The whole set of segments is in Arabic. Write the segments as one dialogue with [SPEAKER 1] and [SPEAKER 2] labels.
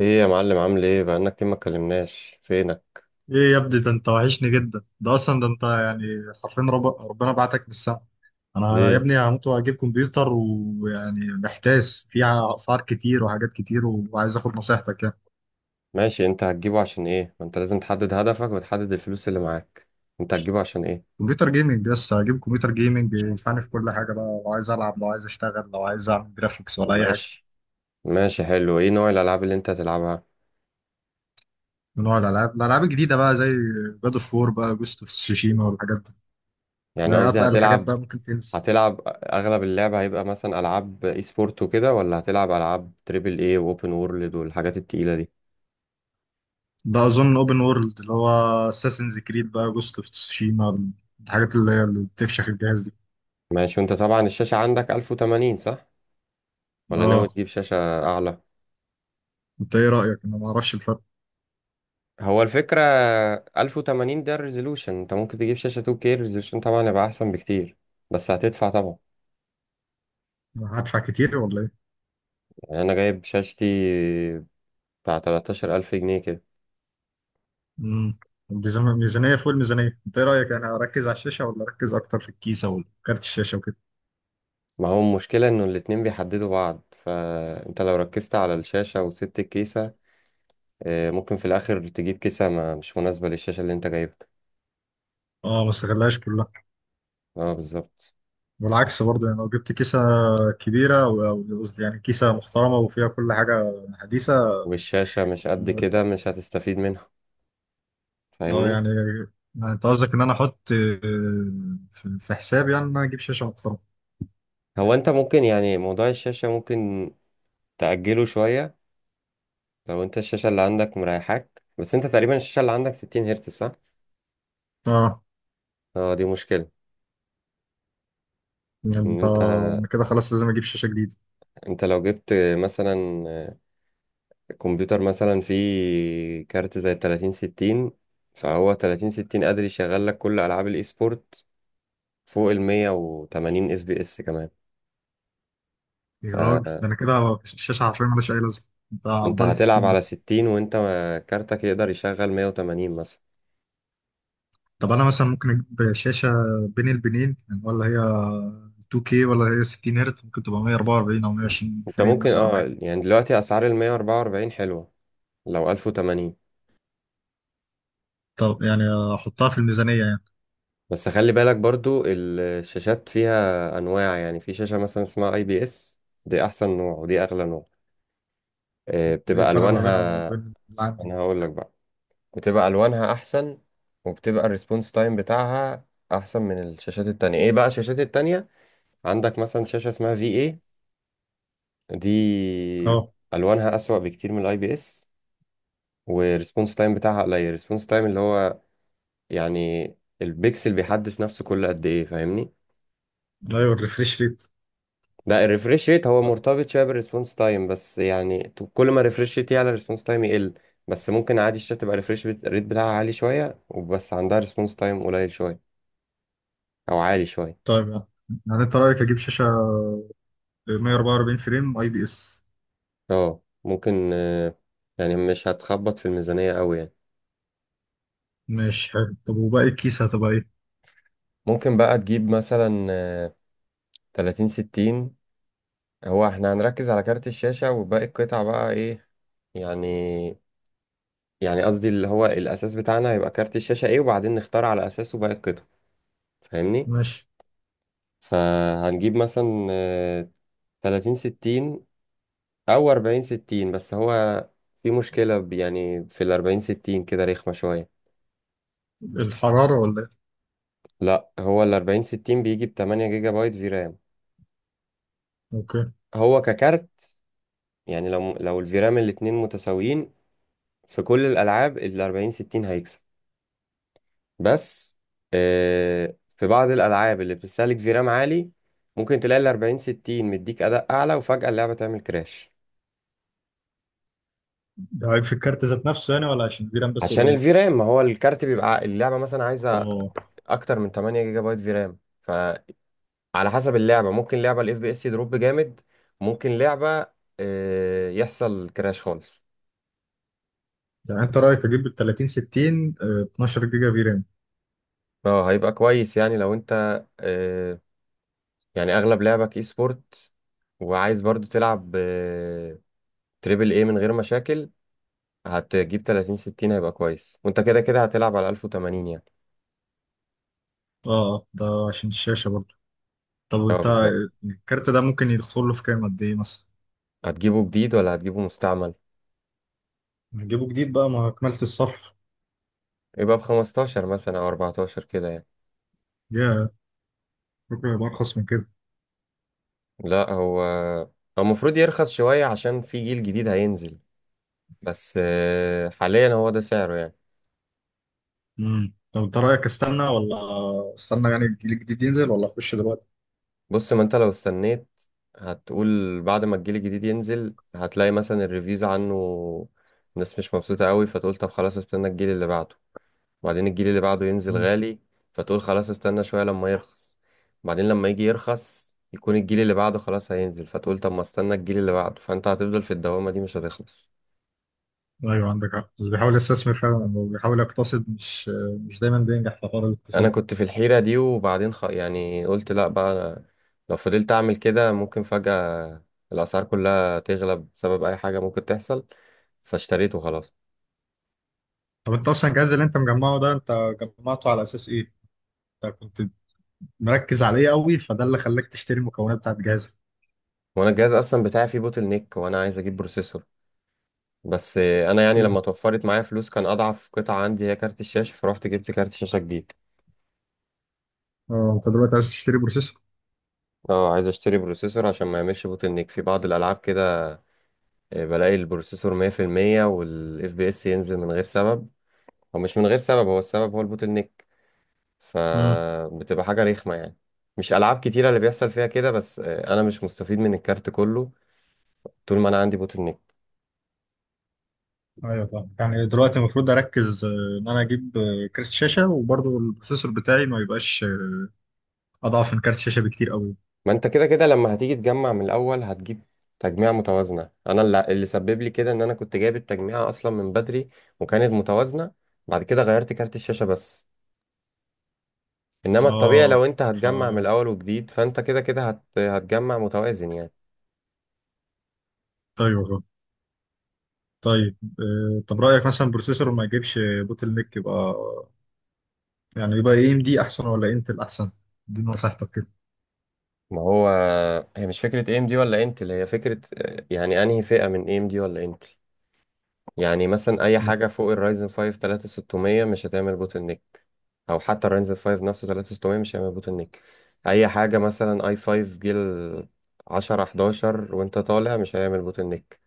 [SPEAKER 1] ايه يا معلم، عامل ايه؟ بقالنا كتير ما اتكلمناش، فينك؟
[SPEAKER 2] ايه يا ابني، ده انت وحشني جدا، ده اصلا ده انت يعني حرفيا ربنا بعتك من السما. انا يا
[SPEAKER 1] ليه؟
[SPEAKER 2] ابني هموت واجيب كمبيوتر، ويعني محتاس فيها، اسعار كتير وحاجات كتير، وعايز اخد نصيحتك يعني.
[SPEAKER 1] ماشي، انت هتجيبه عشان ايه؟ ما انت لازم تحدد هدفك وتحدد الفلوس اللي معاك. انت هتجيبه عشان ايه؟
[SPEAKER 2] كمبيوتر جيمنج، بس هجيب كمبيوتر جيمنج ينفعني في كل حاجه بقى، لو عايز العب، لو عايز اشتغل، لو عايز اعمل جرافيكس ولا اي حاجه.
[SPEAKER 1] ماشي. ماشي حلو. ايه نوع الالعاب اللي انت هتلعبها؟
[SPEAKER 2] من نوع الالعاب الجديده بقى، زي جاد اوف وور بقى، جوست اوف تسوشيما والحاجات دي.
[SPEAKER 1] يعني
[SPEAKER 2] لا
[SPEAKER 1] قصدي
[SPEAKER 2] اتقل، الحاجات
[SPEAKER 1] هتلعب،
[SPEAKER 2] بقى ممكن تنسى.
[SPEAKER 1] هتلعب اغلب اللعبة هيبقى مثلا العاب اي سبورت وكده، ولا هتلعب العاب تريبل اي واوبن وورلد والحاجات التقيلة دي؟
[SPEAKER 2] ده اظن اوبن وورلد، اللي هو اساسنز كريد بقى، جوست اوف تسوشيما، الحاجات اللي هي اللي بتفشخ الجهاز دي.
[SPEAKER 1] ماشي. وانت طبعا الشاشة عندك 1080، صح؟ ولا ناوي
[SPEAKER 2] اه.
[SPEAKER 1] تجيب شاشة اعلى؟
[SPEAKER 2] انت ايه رايك؟ انا ما اعرفش الفرق.
[SPEAKER 1] هو الفكرة، 1080 ده الريزولوشن. انت ممكن تجيب شاشة 2K، الريزولوشن طبعا يبقى أحسن بكتير، بس هتدفع طبعا.
[SPEAKER 2] هدفع كتير ولا ايه؟
[SPEAKER 1] يعني أنا جايب شاشتي بتاع 13,000 جنيه كده.
[SPEAKER 2] امم الميزانيه فوق الميزانيه. انت ايه رايك؟ يعني اركز على الشاشه ولا اركز اكتر في الكيسه وكارت الشاشه وكده؟
[SPEAKER 1] ما هو المشكلة إنه الاتنين بيحددوا بعض، فأنت لو ركزت على الشاشة وسبت الكيسة، ممكن في الآخر تجيب كيسة ما مش مناسبة للشاشة اللي أنت جايبها.
[SPEAKER 2] اه، ما استغلهاش كلها.
[SPEAKER 1] اه بالظبط.
[SPEAKER 2] والعكس برضه يعني، لو جبت كيسه كبيره او قصدي يعني كيسه محترمه وفيها كل حاجه حديثه.
[SPEAKER 1] والشاشة مش قد كده، مش هتستفيد منها.
[SPEAKER 2] اه
[SPEAKER 1] فاهمني؟
[SPEAKER 2] يعني، يعني انت قصدك ان انا احط، في حساب، يعني ان انا اجيب شاشه محترمه.
[SPEAKER 1] هو أنت ممكن يعني موضوع الشاشة ممكن تأجله شوية. لو انت الشاشة اللي عندك مريحاك، بس انت تقريبا الشاشة اللي عندك 60 هرتز، صح؟
[SPEAKER 2] اه
[SPEAKER 1] اه، دي مشكلة.
[SPEAKER 2] يعني،
[SPEAKER 1] ان
[SPEAKER 2] انت
[SPEAKER 1] انت
[SPEAKER 2] انا كده خلاص لازم اجيب شاشه جديده؟
[SPEAKER 1] انت لو جبت مثلا كمبيوتر مثلا فيه كارت زي 30 60، فهو 30 60 قادر يشغل لك كل العاب الاي سبورت فوق ال 180 اف بي اس كمان.
[SPEAKER 2] يا راجل،
[SPEAKER 1] فانت
[SPEAKER 2] ده انا كده الشاشه حرفيا مالهاش اي لازمه. انت عضلي
[SPEAKER 1] هتلعب
[SPEAKER 2] 60
[SPEAKER 1] على
[SPEAKER 2] بس.
[SPEAKER 1] 60 وانت كارتك يقدر يشغل 180 مثلا.
[SPEAKER 2] طب انا مثلا ممكن اجيب شاشه بين البنين يعني، ولا هي 2K ولا هي 60 هرت، ممكن تبقى 144 او 120
[SPEAKER 1] انت
[SPEAKER 2] فريم
[SPEAKER 1] ممكن
[SPEAKER 2] مثلا او حاجه.
[SPEAKER 1] يعني دلوقتي اسعار ال 144 حلوة لو 1080.
[SPEAKER 2] طب يعني، احطها في الميزانيه يعني.
[SPEAKER 1] بس خلي بالك برضو الشاشات فيها انواع، يعني في شاشة مثلا اسمها اي بي اس، دي احسن نوع ودي اغلى نوع.
[SPEAKER 2] ده إيه
[SPEAKER 1] بتبقى
[SPEAKER 2] الفرق ما بينها
[SPEAKER 1] الوانها،
[SPEAKER 2] وبين اللي عندي؟
[SPEAKER 1] انا هقول لك بقى، بتبقى الوانها احسن وبتبقى الريسبونس تايم بتاعها احسن من الشاشات التانية. ايه بقى الشاشات التانية؟ عندك مثلا شاشة اسمها في اي دي،
[SPEAKER 2] اه،
[SPEAKER 1] الوانها اسوأ بكتير من الاي بي اس، والريسبونس تايم بتاعها قليل. الريسبونس تايم اللي هو يعني البيكسل بيحدث نفسه كل قد ايه، فاهمني؟
[SPEAKER 2] ايوه، الريفريش ريت.
[SPEAKER 1] ده الريفريش ريت هو مرتبط شويه بالريسبونس تايم، بس يعني كل ما الريفريش ريت يعلى، الريسبونس تايم يقل. بس ممكن عادي الشات تبقى الريفريش ريت بتاعها عالي شويه، وبس عندها ريسبونس تايم قليل شويه او عالي شويه.
[SPEAKER 2] طيب يعني انت رايك اجيب شاشه 144 فريم اي بي اس؟
[SPEAKER 1] اه ممكن. يعني مش هتخبط في الميزانيه قوي يعني.
[SPEAKER 2] ماشي، حلو. طب وباقي الكيسه هتبقى ايه؟
[SPEAKER 1] ممكن بقى تجيب مثلا 30 60. هو احنا هنركز على كارت الشاشه وباقي القطع بقى ايه؟ يعني يعني قصدي اللي هو الاساس بتاعنا هيبقى كارت الشاشه ايه، وبعدين نختار على اساسه باقي القطع، فاهمني؟
[SPEAKER 2] ماشي.
[SPEAKER 1] فهنجيب مثلا 30 60 أو 40 60، بس هو في مشكلة يعني في ال 40 60 كده رخمة شوية.
[SPEAKER 2] الحرارة ولا ايه؟
[SPEAKER 1] لا، هو الأربعين ستين بيجي ب 8 جيجا بايت في رام.
[SPEAKER 2] اوكي.
[SPEAKER 1] هو ككارت، يعني لو الفيرام الاتنين متساويين، في كل الألعاب ال 40 60 هيكسب. بس في بعض الألعاب اللي بتستهلك فيرام عالي، ممكن تلاقي ال 40 60 مديك أداء أعلى وفجأة اللعبة تعمل كراش.
[SPEAKER 2] ده عيب في الكارت ذات نفسه يعني، ولا عشان الفيرام بس
[SPEAKER 1] عشان
[SPEAKER 2] قليل؟
[SPEAKER 1] الفي رام، ما هو الكارت بيبقى اللعبة مثلا عايزة
[SPEAKER 2] اه،
[SPEAKER 1] اكتر من 8 جيجا بايت في رام، فعلى حسب اللعبة ممكن لعبة الاف بي اس يدروب جامد، ممكن لعبة يحصل كراش خالص.
[SPEAKER 2] يعني انت رأيك اجيب ال 30 60، 12 جيجا فيرام؟
[SPEAKER 1] اه، هيبقى كويس. يعني لو انت يعني اغلب لعبك اي سبورت، وعايز برضو تلعب تريبل اي من غير مشاكل، هتجيب 30 60 هيبقى كويس، وانت كده كده هتلعب على 1080 يعني.
[SPEAKER 2] اه، ده عشان الشاشة برضه. طب
[SPEAKER 1] اه
[SPEAKER 2] وانت،
[SPEAKER 1] بالظبط.
[SPEAKER 2] الكارت ده ممكن يدخل له في كام، قد ايه مثلا؟
[SPEAKER 1] هتجيبه جديد ولا هتجيبه مستعمل؟
[SPEAKER 2] نجيبه جديد بقى، ما كملت الصف.
[SPEAKER 1] يبقى ب 15 مثلا او 14 كده يعني.
[SPEAKER 2] يا، ممكن يبقى ارخص من كده؟
[SPEAKER 1] لا، هو المفروض يرخص شوية عشان في جيل جديد هينزل، بس حاليا هو ده سعره يعني.
[SPEAKER 2] طب انت رأيك استنى، ولا استنى يعني الجيل الجديد ينزل، ولا اخش دلوقتي؟
[SPEAKER 1] بص، ما انت لو استنيت، هتقول بعد ما الجيل الجديد ينزل هتلاقي مثلا الريفيوز عنه الناس مش مبسوطة قوي، فتقول طب خلاص استنى الجيل اللي بعده، وبعدين الجيل اللي بعده ينزل
[SPEAKER 2] مم.
[SPEAKER 1] غالي فتقول خلاص استنى شوية لما يرخص، بعدين لما يجي يرخص يكون الجيل اللي بعده خلاص هينزل فتقول طب ما استنى الجيل اللي بعده، فانت هتفضل في الدوامة دي مش هتخلص.
[SPEAKER 2] ايوه، عندك حق. اللي بيحاول يستثمر فعلا أو بيحاول يقتصد مش، مش دايما بينجح في حوار
[SPEAKER 1] انا
[SPEAKER 2] الاقتصاد.
[SPEAKER 1] كنت في الحيرة دي، وبعدين يعني قلت لا بقى، أنا لو فضلت اعمل كده ممكن فجأة الاسعار كلها تغلى بسبب اي حاجة ممكن تحصل، فاشتريته خلاص.
[SPEAKER 2] طب انت اصلا الجهاز اللي انت مجمعه ده، انت جمعته على اساس ايه؟ انت كنت مركز عليه قوي فده اللي خلاك تشتري المكونات بتاعت جهازك؟
[SPEAKER 1] وانا الجهاز اصلا بتاعي فيه بوتل نيك، وانا عايز اجيب بروسيسور، بس انا يعني لما
[SPEAKER 2] مم.
[SPEAKER 1] توفرت معايا فلوس كان اضعف قطعة عندي هي كارت الشاشة، فروحت جبت كارت شاشة جديد.
[SPEAKER 2] اه، انت دلوقتي عايز تشتري بروسيسور.
[SPEAKER 1] اه عايز اشتري بروسيسور عشان ما يعملش بوتل نيك في بعض الالعاب كده. بلاقي البروسيسور 100% والاف بي اس ينزل من غير سبب. هو مش من غير سبب، هو السبب هو البوتل نيك.
[SPEAKER 2] امم
[SPEAKER 1] فبتبقى حاجة رخمة يعني. مش ألعاب كتيرة اللي بيحصل فيها كده، بس أنا مش مستفيد من الكارت كله طول ما أنا عندي بوتل نيك.
[SPEAKER 2] ايوه طبعا. يعني دلوقتي المفروض اركز، ان انا اجيب كارت شاشه، وبرضه البروسيسور بتاعي ما يبقاش اضعف من كارت شاشه بكتير قوي.
[SPEAKER 1] ما أنت كده كده لما هتيجي تجمع من الأول هتجيب تجميع متوازنة. أنا اللي سبب لي كده إن أنا كنت جايب التجميعة أصلا من بدري وكانت متوازنة، بعد كده غيرت كارت الشاشة بس. إنما الطبيعي لو
[SPEAKER 2] اه.
[SPEAKER 1] أنت
[SPEAKER 2] ف
[SPEAKER 1] هتجمع من الأول وجديد، فأنت كده كده هتجمع متوازن يعني.
[SPEAKER 2] ايوه، فاهم. طيب، طب رايك مثلا بروسيسور ما يجيبش بوتل نيك، يبقى يعني يبقى اي ام دي احسن ولا انتل احسن؟ دي نصيحتك كده.
[SPEAKER 1] ما هو هي مش فكرة AMD ولا انتل، هي فكرة يعني أنهي فئة من AMD ولا انتل. يعني مثلا اي حاجه فوق الرايزن 5 3600 مش هتعمل بوتل نيك، او حتى الرايزن 5 نفسه 3600 مش هيعمل بوتل نيك. اي حاجه مثلا اي 5 جيل 10 11 وانت طالع مش هيعمل بوتل نيك.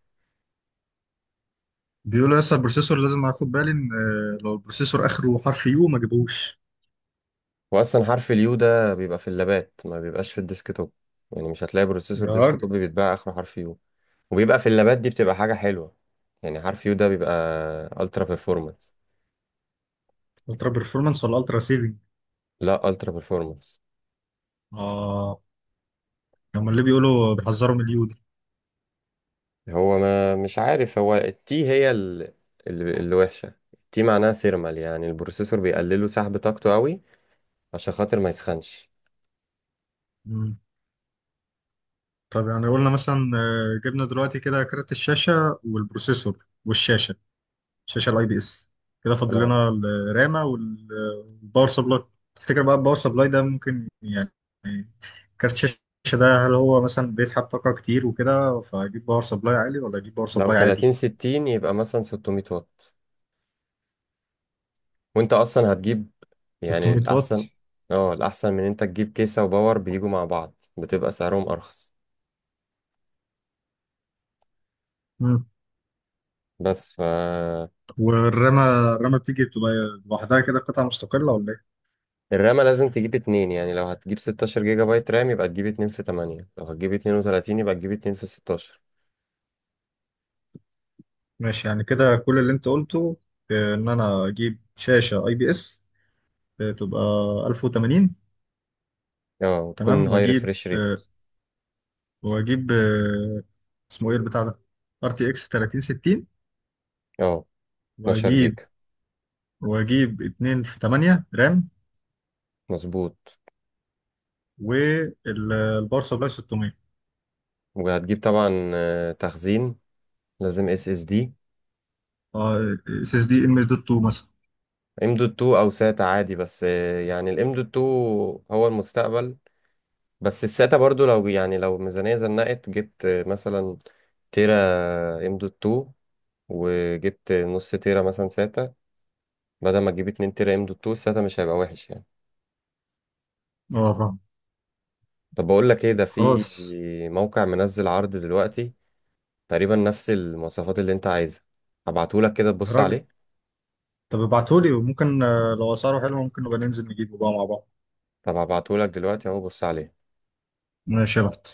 [SPEAKER 2] بيقولوا لسه البروسيسور لازم اخد بالي، ان لو البروسيسور اخره حرف يو ما جيبوش.
[SPEAKER 1] واصلا حرف اليو ده بيبقى في اللابات، ما بيبقاش في الديسكتوب. يعني مش هتلاقي بروسيسور
[SPEAKER 2] يا راجل.
[SPEAKER 1] ديسكتوب بيتباع اخره حرف يو. وبيبقى في اللابات دي بتبقى حاجه حلوه، يعني حرف يو ده بيبقى الترا بيرفورمانس.
[SPEAKER 2] الترا بيرفورمانس ولا الترا سيفنج؟
[SPEAKER 1] لا، الترا بيرفورمانس.
[SPEAKER 2] اه. هم اللي بيقولوا بيحذروا من اليو دي.
[SPEAKER 1] هو ما مش عارف، هو التي هي اللي وحشة. التي معناها سيرمال، يعني البروسيسور بيقللوا سحب طاقته قوي عشان خاطر ما يسخنش.
[SPEAKER 2] مم. طب يعني قلنا مثلا، جبنا دلوقتي كده كارت الشاشه والبروسيسور والشاشه، الشاشه الاي بي اس، كده فاضل
[SPEAKER 1] اه،
[SPEAKER 2] لنا الرامه والباور سبلاي. تفتكر بقى الباور سبلاي ده ممكن يعني، كارت الشاشه ده هل هو مثلا بيسحب طاقه كتير وكده، فاجيب باور سبلاي عالي ولا اجيب باور
[SPEAKER 1] لو
[SPEAKER 2] سبلاي
[SPEAKER 1] 30
[SPEAKER 2] عادي؟
[SPEAKER 1] 60 يبقى مثلا 600 واط. وانت اصلا هتجيب، يعني
[SPEAKER 2] 600
[SPEAKER 1] الاحسن،
[SPEAKER 2] واط؟
[SPEAKER 1] اه الاحسن من انت تجيب كيسة وباور بيجوا مع بعض بتبقى سعرهم ارخص.
[SPEAKER 2] مم.
[SPEAKER 1] بس ف،
[SPEAKER 2] والرامة، الرامة بتيجي بتبقى لوحدها كده قطعة مستقلة ولا ايه؟
[SPEAKER 1] الرامة لازم تجيب اتنين. يعني لو هتجيب 16 جيجا بايت رام يبقى تجيب اتنين في 8، لو هتجيب 32 يبقى تجيب اتنين في 16.
[SPEAKER 2] ماشي، يعني كده كل اللي انت قلته، ان انا اجيب شاشة اي بي اس، تبقى 1080.
[SPEAKER 1] اه وتكون
[SPEAKER 2] تمام.
[SPEAKER 1] هاي
[SPEAKER 2] واجيب
[SPEAKER 1] ريفريش ريت.
[SPEAKER 2] آه، واجيب آه، اسمه ايه البتاع ده؟ ار تي اكس 3060.
[SPEAKER 1] اه، 12
[SPEAKER 2] واجيب
[SPEAKER 1] جيجا،
[SPEAKER 2] واجيب 2 في 8 رام.
[SPEAKER 1] مظبوط.
[SPEAKER 2] والباور سبلاي 600.
[SPEAKER 1] وهتجيب طبعا تخزين، لازم اس اس دي.
[SPEAKER 2] اس اس دي ام دوت 2 مثلا.
[SPEAKER 1] ام دوت 2 او ساتا عادي، بس يعني الام دوت 2 هو المستقبل. بس الساتا برضو، لو يعني لو ميزانية زنقت، جبت مثلا تيرا ام دوت 2 وجبت نص تيرا مثلا ساتا بدل ما تجيب 2 تيرا ام دوت 2، الساتا مش هيبقى وحش يعني.
[SPEAKER 2] اه فاهم.
[SPEAKER 1] طب بقول لك ايه؟ ده في
[SPEAKER 2] خلاص.
[SPEAKER 1] موقع منزل عرض دلوقتي تقريبا نفس المواصفات اللي انت عايزها، هبعتهولك كده تبص
[SPEAKER 2] الراجل.
[SPEAKER 1] عليه.
[SPEAKER 2] طب ابعتهولي، وممكن لو اسعاره حلوه ممكن نبقى ننزل نجيبه بقى مع بعض.
[SPEAKER 1] طب هبعتهولك دلوقتي اهو بص عليه.
[SPEAKER 2] ماشي يا بحت.